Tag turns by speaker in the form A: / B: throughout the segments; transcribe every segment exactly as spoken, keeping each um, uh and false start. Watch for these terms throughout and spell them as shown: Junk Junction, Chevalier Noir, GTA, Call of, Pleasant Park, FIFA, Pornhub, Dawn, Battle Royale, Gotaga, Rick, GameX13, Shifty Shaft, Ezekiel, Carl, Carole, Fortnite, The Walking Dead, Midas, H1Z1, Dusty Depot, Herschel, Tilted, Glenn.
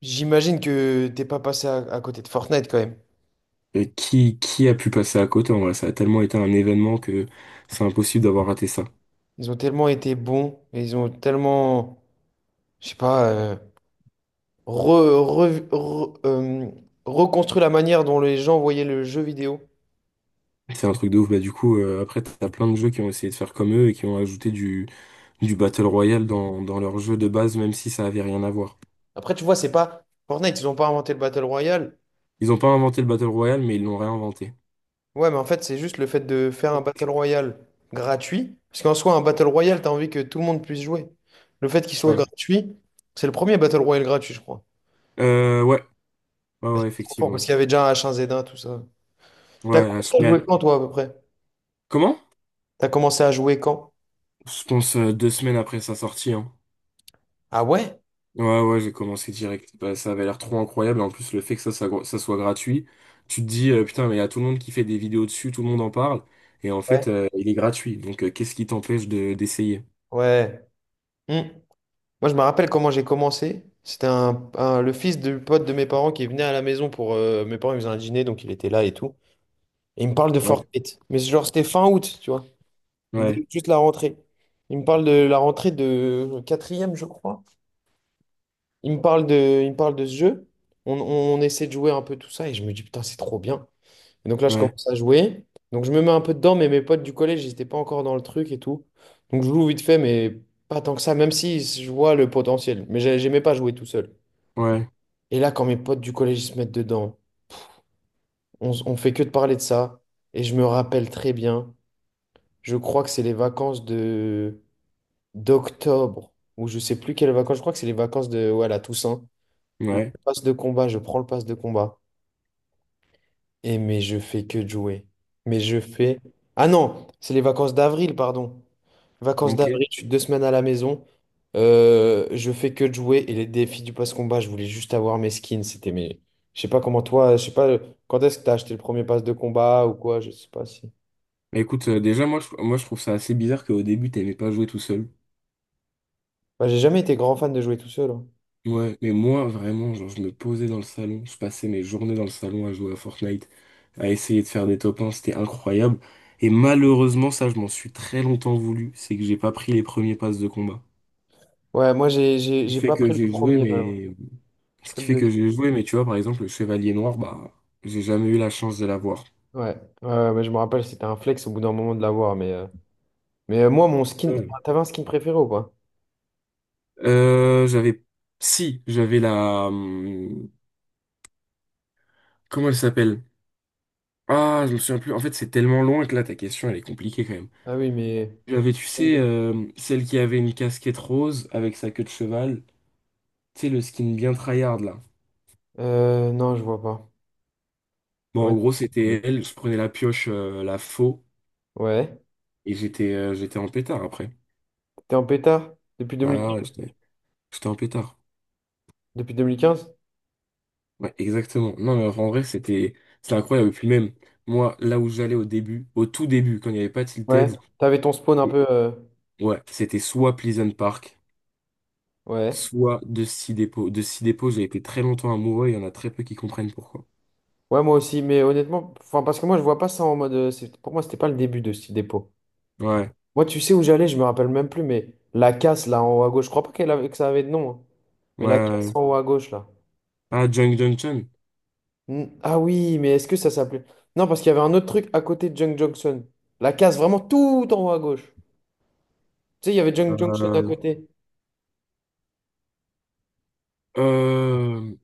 A: J'imagine que t'es pas passé à, à côté de Fortnite quand même.
B: Et qui, qui a pu passer à côté en vrai? Ça a tellement été un événement que c'est impossible d'avoir raté ça.
A: Ils ont tellement été bons et ils ont tellement, je sais pas, euh, re- re- re- euh, reconstruit la manière dont les gens voyaient le jeu vidéo.
B: C'est un truc de ouf. Bah, du coup, euh, après, t'as plein de jeux qui ont essayé de faire comme eux et qui ont ajouté du, du Battle Royale dans, dans leur jeu de base, même si ça avait rien à voir.
A: Après, tu vois, c'est pas Fortnite, ils ont pas inventé le Battle Royale.
B: Ils n'ont pas inventé le Battle Royale, mais ils l'ont réinventé.
A: Ouais, mais en fait, c'est juste le fait de faire un
B: Ok.
A: Battle Royale gratuit. Parce qu'en soi, un Battle Royale, t'as envie que tout le monde puisse jouer. Le fait qu'il soit
B: Ouais.
A: gratuit, c'est le premier Battle Royale gratuit, je crois.
B: Euh, ouais. Ouais,
A: Bah,
B: ouais,
A: c'est trop fort parce
B: effectivement.
A: qu'il y avait déjà un H un Z un, tout ça. T'as
B: Ouais, à-
A: commencé à
B: mais-
A: jouer quand, toi, à peu près?
B: Comment?
A: T'as commencé à jouer quand?
B: Je pense euh, deux semaines après sa sortie, hein.
A: Ah ouais?
B: Ouais, ouais, j'ai commencé direct. Bah, ça avait l'air trop incroyable. En plus, le fait que ça, ça, ça soit gratuit, tu te dis, euh, putain, mais il y a tout le monde qui fait des vidéos dessus, tout le monde en parle. Et en
A: Ouais.
B: fait, euh, il est gratuit. Donc, euh, qu'est-ce qui t'empêche de, d'essayer?
A: Ouais. Hmm. Moi, je me rappelle comment j'ai commencé. C'était un, un- le fils du pote de mes parents qui venait à la maison pour... euh, Mes parents, ils faisaient un dîner, donc il était là et tout. Et il me parle de
B: Ouais,
A: Fortnite. Mais genre, c'était fin août, tu vois.
B: ouais,
A: Dès- Juste la rentrée. Il me parle de la rentrée de quatrième, je crois. Il me parle de, il me parle de ce jeu. On, on, on essaie de jouer un peu tout ça et je me dis, putain, c'est trop bien. Et donc là, je
B: ouais,
A: commence à jouer. Donc je me mets un peu dedans, mais mes potes du collège, ils n'étaient pas encore dans le truc et tout. Donc je joue vite fait, mais pas tant que ça, même si je vois le potentiel. Mais j'ai- j'aimais pas jouer tout seul.
B: ouais,
A: Et là, quand mes potes du collège ils se mettent dedans, on, s- on fait que de parler de ça. Et je me rappelle très bien, je crois que c'est les vacances de d'octobre, ou je sais plus quelles vacances, je crois que c'est les vacances de ouais, la Toussaint, où
B: ouais.
A: je passe de combat, je prends le passe de combat. Et mais je fais que de jouer. Mais je fais. Ah non, c'est les vacances d'avril, pardon. Vacances
B: Ok.
A: d'avril, je suis deux semaines à la maison. Euh, je fais que de jouer. Et les défis du pass combat, je voulais juste avoir mes skins. C'était mes. Je sais pas comment toi. Je sais pas quand est-ce que t'as acheté le premier pass de combat ou quoi. Je sais pas si.
B: Bah, écoute, euh, déjà, moi je, moi, je trouve ça assez bizarre qu'au début, t'aimais pas jouer tout seul.
A: Bah, j'ai jamais été grand fan de jouer tout seul, hein.
B: Ouais, mais moi, vraiment, genre, je me posais dans le salon, je passais mes journées dans le salon à jouer à Fortnite, à essayer de faire des top un, c'était incroyable. Et malheureusement, ça, je m'en suis très longtemps voulu, c'est que j'ai pas pris les premiers passes de combat.
A: Ouais, moi, j'ai j'ai-
B: Ce qui
A: j'ai
B: fait
A: pas
B: que
A: pris le
B: j'ai joué,
A: premier, malheureusement.
B: mais...
A: J'ai
B: Ce
A: pris
B: qui
A: le
B: fait que
A: deuxième.
B: j'ai joué, mais tu vois, par exemple, le Chevalier Noir, bah, j'ai jamais eu la chance de l'avoir.
A: Ouais, ouais, ouais, mais je me rappelle, c'était un flex au bout d'un moment de l'avoir. Mais, euh, mais euh, moi, mon skin.
B: Ouais.
A: T'avais un skin préféré ou pas?
B: Euh, j'avais... Si, j'avais la... hum, comment elle s'appelle? Ah, je me souviens plus. En fait, c'est tellement loin que là, ta question, elle est compliquée quand même.
A: Ah oui, mais.
B: J'avais, tu sais, euh, celle qui avait une casquette rose avec sa queue de cheval. Tu sais, le skin bien tryhard, là.
A: Euh, non, je vois pas.
B: Bon,
A: Ouais.
B: en gros, c'était elle. Je prenais la pioche, euh, la faux,
A: Ouais.
B: et j'étais euh, j'étais en pétard après.
A: T'es en pétard depuis
B: Ah
A: deux mille quinze?
B: ouais, j'étais j'étais en pétard.
A: Depuis deux mille quinze?
B: Ouais, exactement. Non, mais en vrai, c'était c'était incroyable. Et puis même, moi, là où j'allais au début, au tout début, quand il n'y avait pas
A: Ouais.
B: Tilted,
A: T'avais ton spawn un
B: et-
A: peu. euh,
B: ouais, c'était soit Pleasant Park,
A: Ouais.
B: soit Dusty Depot. Dusty Depot, j'ai été très longtemps amoureux, il y en a très peu qui comprennent pourquoi.
A: Ouais, moi aussi. Mais honnêtement, enfin, parce que moi, je vois pas ça en mode. euh, c'est- Pour moi, c'était pas le début de ce dépôt.
B: Ouais,
A: Moi, tu sais où j'allais, je me rappelle même plus, mais la casse là en haut à gauche, je crois pas qu'elle avait... que ça avait de nom, hein.
B: ouais,
A: Mais la
B: ouais,
A: casse
B: ouais.
A: en haut à gauche là.
B: Ah, Junk Junction.
A: Hmm. Ah oui, mais est-ce que ça s'appelait. Non, parce qu'il y avait un autre truc à côté de Junk Junction. La casse vraiment tout en haut à gauche. Tu sais, il y avait Junk Junction à
B: Euh,
A: côté.
B: euh,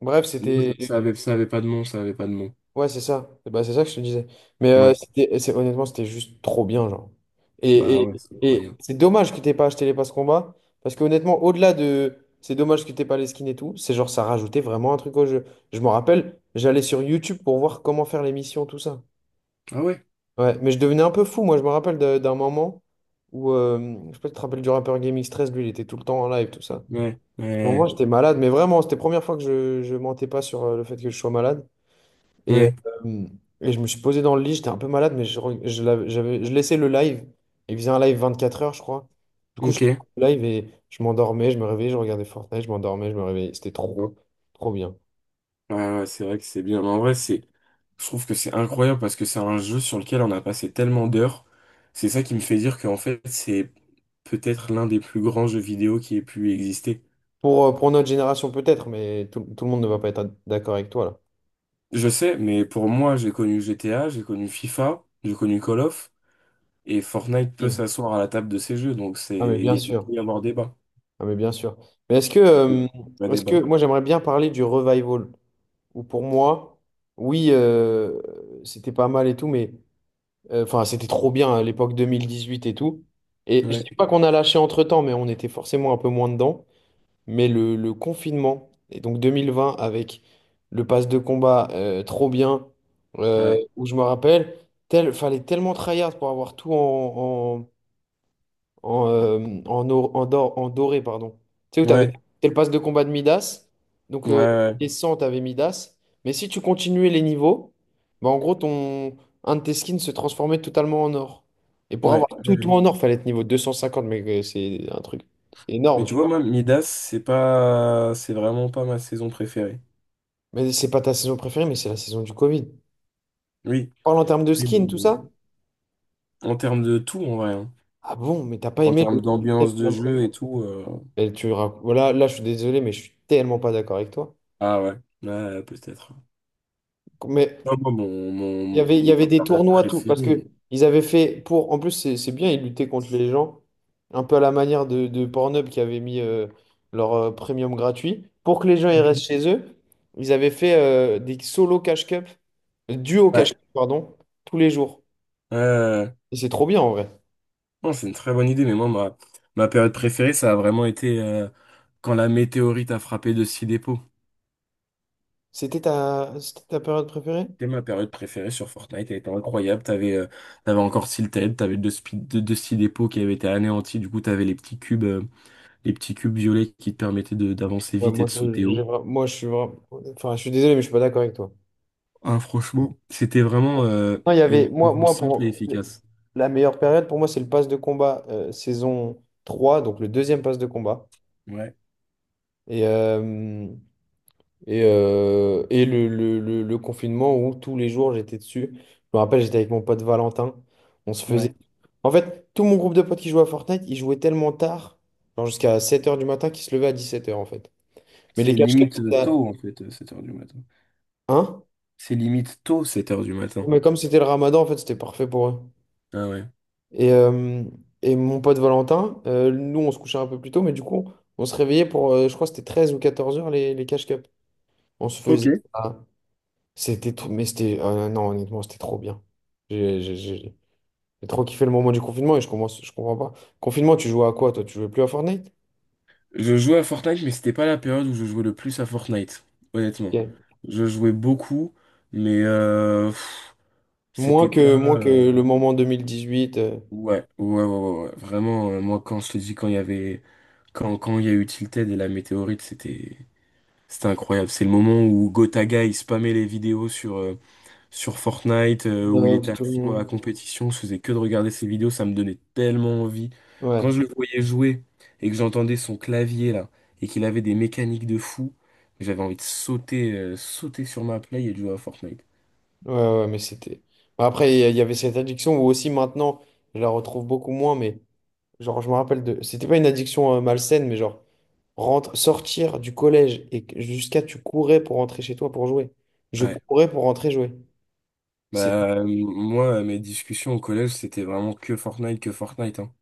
A: Bref,
B: non, ça
A: c'était.
B: ça avait, ça avait pas de nom, ça avait pas de nom.
A: Ouais, c'est ça. Bah, c'est ça que je te disais. Mais euh,
B: Ouais,
A: c'était, c'est- honnêtement, c'était juste trop bien, genre. Et,
B: bah
A: et,
B: ouais, c'est
A: et
B: incroyable.
A: c'est dommage que t'aies pas acheté les passes combat. Parce que honnêtement, au-delà de c'est dommage que t'aies pas les skins et tout, c'est genre ça rajoutait vraiment un truc au jeu. Je me rappelle, j'allais sur YouTube pour voir comment faire les missions, tout ça.
B: Ah ouais,
A: Ouais, mais je devenais un peu fou, moi. Je me rappelle de- d'un moment où, euh, je sais pas si tu te rappelles du rappeur Game X un trois, lui, il était tout le temps en live, tout ça.
B: ouais,
A: Bon, moi,
B: ouais,
A: j'étais malade, mais vraiment, c'était la première fois que je, je mentais pas sur euh, le fait que je sois malade. Et,
B: ouais,
A: euh, et je me suis posé dans le lit, j'étais un peu malade, mais je, re- je, l'avais- j'avais, je laissais le live. Il faisait un live vingt-quatre heures, je crois. Du coup, je laissais
B: ok.
A: le live et je m'endormais, je me réveillais, je regardais Fortnite, je m'endormais, je me réveillais. C'était trop, trop bien.
B: Ouais, ouais, c'est vrai que c'est bien. Mais en vrai, c'est, je trouve que c'est incroyable parce que c'est un jeu sur lequel on a passé tellement d'heures. C'est ça qui me fait dire qu'en fait, c'est peut-être l'un des plus grands jeux vidéo qui ait pu exister.
A: Pour, euh, pour notre génération, peut-être, mais tout, tout le monde ne va pas être d'accord avec toi, là.
B: Je sais, mais pour moi, j'ai connu G T A, j'ai connu FIFA, j'ai connu Call of, et Fortnite peut
A: Mm.
B: s'asseoir à la table de ces jeux, donc c'est,
A: Ah, mais
B: il
A: bien
B: y a- il
A: sûr.
B: peut y avoir débat.
A: Ah, mais bien sûr. Mais est-ce que, euh,
B: Vrai
A: est-ce que
B: débat.
A: moi, j'aimerais bien parler du revival, où pour moi, oui, euh, c'était pas mal et tout, mais. Euh, Enfin, c'était trop bien à l'époque deux mille dix-huit et tout. Et je
B: Ouais,
A: dis pas qu'on a lâché entre-temps, mais on était forcément un peu moins dedans. Mais le, le confinement, et donc deux mille vingt avec le pass de combat euh, trop bien, euh,
B: ouais,
A: où je me rappelle, tel, fallait tellement tryhard pour avoir tout en, en, euh, en, or- en dor- en doré, pardon. Tu sais où t'avais,
B: ouais,
A: c'était le passe de combat de Midas. Donc,
B: ouais,
A: euh,
B: ouais,
A: les cent, t'avais Midas. Mais si tu continuais les niveaux, bah, en gros, ton, un de tes skins se transformait totalement en or. Et pour
B: ouais,
A: avoir
B: ouais,
A: tout, tout
B: ouais.
A: en or, fallait être niveau deux cent cinquante. Mais euh, c'est un truc
B: Mais
A: énorme,
B: tu
A: tu vois.
B: vois, moi, Midas, c'est pas, c'est vraiment pas ma saison préférée.
A: Mais c'est pas ta saison préférée, mais c'est la saison du Covid. Tu
B: Oui,
A: parles en termes de
B: oui, mais
A: skins, tout ça?
B: en termes de tout, en vrai, hein.
A: Ah bon, mais t'as pas
B: En
A: aimé
B: termes
A: le.
B: d'ambiance de jeu et tout. euh,
A: Et tu rac- Voilà, là, je suis désolé, mais je suis tellement pas d'accord avec toi.
B: Ah ouais, ouais, peut-être.
A: Mais
B: Non, moi, mon,
A: Il y
B: mon,
A: avait, il y
B: mon
A: avait des
B: période
A: tournois, tout, parce que
B: préférée.
A: ils avaient fait pour. En plus, c'est c'est bien, ils luttaient contre les gens, un peu à la manière de, de Pornhub qui avait mis euh, leur euh, premium gratuit. Pour que les gens ils restent
B: Ok.
A: chez eux, ils avaient fait euh, des solo cash cup, euh, duo cash
B: Ouais.
A: cup, pardon, tous les jours.
B: Euh,
A: Et c'est trop bien en vrai.
B: non, c'est une très bonne idée, mais moi, ma, ma période préférée, ça a vraiment été euh, quand la météorite a frappé de six.
A: C'était ta, c'était ta période préférée?
B: C'était ma période préférée sur Fortnite, elle était incroyable. T'avais euh, t'avais encore Silted, t'avais deux, spi- deux, deux petits dépôts qui avaient été anéantis. Du coup, t'avais les petits cubes, euh, les petits cubes violets qui te permettaient de- d'avancer
A: Ouais,
B: vite et
A: moi
B: de
A: je,
B: sauter
A: j'ai
B: haut.
A: vra- moi, je suis vra- enfin, je suis désolé, mais je suis pas d'accord avec toi.
B: Ah, franchement, c'était vraiment euh,
A: Non, il y
B: une
A: avait, moi,
B: saison
A: moi
B: simple et
A: pour
B: efficace.
A: la meilleure période pour moi, c'est le pass de combat euh, saison trois donc le deuxième pass de combat.
B: Ouais,
A: Et, euh, et, euh, et le, le, le, le confinement où tous les jours j'étais dessus. Je me rappelle, j'étais avec mon pote Valentin. On se faisait.
B: ouais.
A: En fait, tout mon groupe de potes qui jouait à Fortnite, ils jouaient tellement tard, genre jusqu'à sept heures du matin, qu'ils se levaient à dix-sept heures en fait. Mais les
B: C'est
A: cache-cache,
B: limite euh,
A: c'était à.
B: tôt, en fait, euh, sept heures du matin.
A: Hein?
B: C'est limite tôt, sept heures du matin.
A: Mais comme c'était le ramadan, en fait, c'était parfait pour eux.
B: Ah ouais.
A: Et, euh, et mon pote Valentin, euh, nous, on se couchait un peu plus tôt, mais du coup, on se réveillait pour, euh, je crois que c'était treize ou quatorze heures, les, les cash cups. On se
B: Ok.
A: faisait ça. C'était trop, mais c'était, euh, non, honnêtement, c'était trop bien. J'ai j'ai- j'ai- j'ai trop kiffé le moment du confinement et je commence, je comprends pas. Confinement, tu jouais à quoi, toi? Tu jouais plus à Fortnite?
B: Je jouais à Fortnite, mais c'était pas la période où je jouais le plus à Fortnite, honnêtement.
A: Ok.
B: Je jouais beaucoup, mais euh, pff,
A: Moins
B: c'était pas.
A: que, moins
B: euh,
A: que le moment deux mille dix-huit. euh,
B: Ouais, ouais, ouais, ouais, ouais, ouais. Vraiment, euh, moi, quand je te dis, quand il y avait. Quand, quand il y a eu Tilted et la météorite, c'était. C'était incroyable. C'est le moment où Gotaga, il spammait les vidéos sur, euh, sur Fortnite, euh, où il était
A: Nox,
B: à
A: tout le
B: fond dans la
A: monde.
B: compétition. Je faisais que de regarder ses vidéos, ça me donnait tellement envie.
A: Ouais,
B: Quand je le voyais jouer et que j'entendais son clavier, là, et qu'il avait des mécaniques de fou, j'avais envie de sauter, euh, sauter sur ma play et de jouer à Fortnite.
A: ouais, ouais, mais c'était. Bah, après, il y a- il y avait cette addiction où aussi maintenant, je la retrouve beaucoup moins, mais. Genre, je me rappelle de. C'était pas une addiction euh, malsaine, mais genre, rentre... sortir du collège et que- jusqu'à tu courais pour rentrer chez toi pour jouer. Je
B: Ouais.
A: courais pour rentrer jouer. C'était,
B: Bah, euh, moi, mes discussions au collège, c'était vraiment que Fortnite, que Fortnite, hein.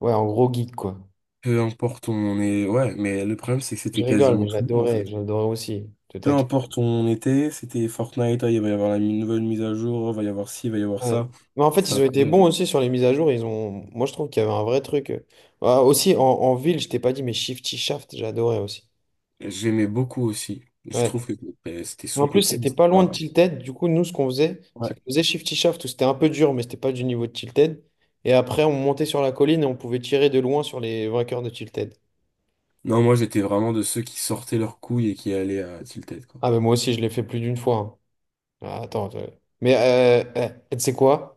A: ouais, en gros geek, quoi.
B: Peu importe où on est, ouais, mais le problème, c'est que c'était
A: Je rigole,
B: quasiment
A: mais
B: tout le monde, en
A: j'adorais,
B: fait.
A: j'adorais aussi. Te
B: Peu
A: taquiner.
B: importe où on était, c'était Fortnite, ah, il va y avoir la mi- nouvelle mise à jour, il va y avoir ci, il va y avoir
A: Ouais.
B: ça.
A: Mais en fait,
B: C'était
A: ils ont été
B: incroyable.
A: bons aussi sur les mises à jour. Ils ont. Moi, je trouve qu'il y avait un vrai truc. Ah, aussi, en, en ville, je t'ai pas dit, mais Shifty Shaft, j'adorais aussi.
B: J'aimais beaucoup aussi. Je trouve
A: Ouais.
B: que euh, c'était
A: En plus,
B: sous-coté, mais
A: c'était
B: c'était
A: pas loin
B: pas...
A: de Tilted. Du coup, nous, ce qu'on faisait, c'est
B: Ouais.
A: qu'on faisait Shifty Shaft, où c'était un peu dur, mais c'était pas du niveau de Tilted. Et après, on montait sur la colline et on pouvait tirer de loin sur les vainqueurs de Tilted.
B: Non, moi, j'étais vraiment de ceux qui sortaient leurs couilles et qui allaient à Tilted, quoi.
A: Ah, mais moi aussi, je l'ai fait plus d'une fois, hein. Ah, attends, euh, mais euh, eh, tu sais quoi?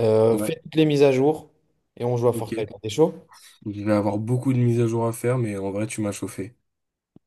A: Euh,
B: Ouais,
A: fais toutes les mises à jour et on joue à
B: ok.
A: Fortnite. T'es chaud?
B: Il va y avoir beaucoup de mises à jour à faire, mais en vrai, tu m'as chauffé.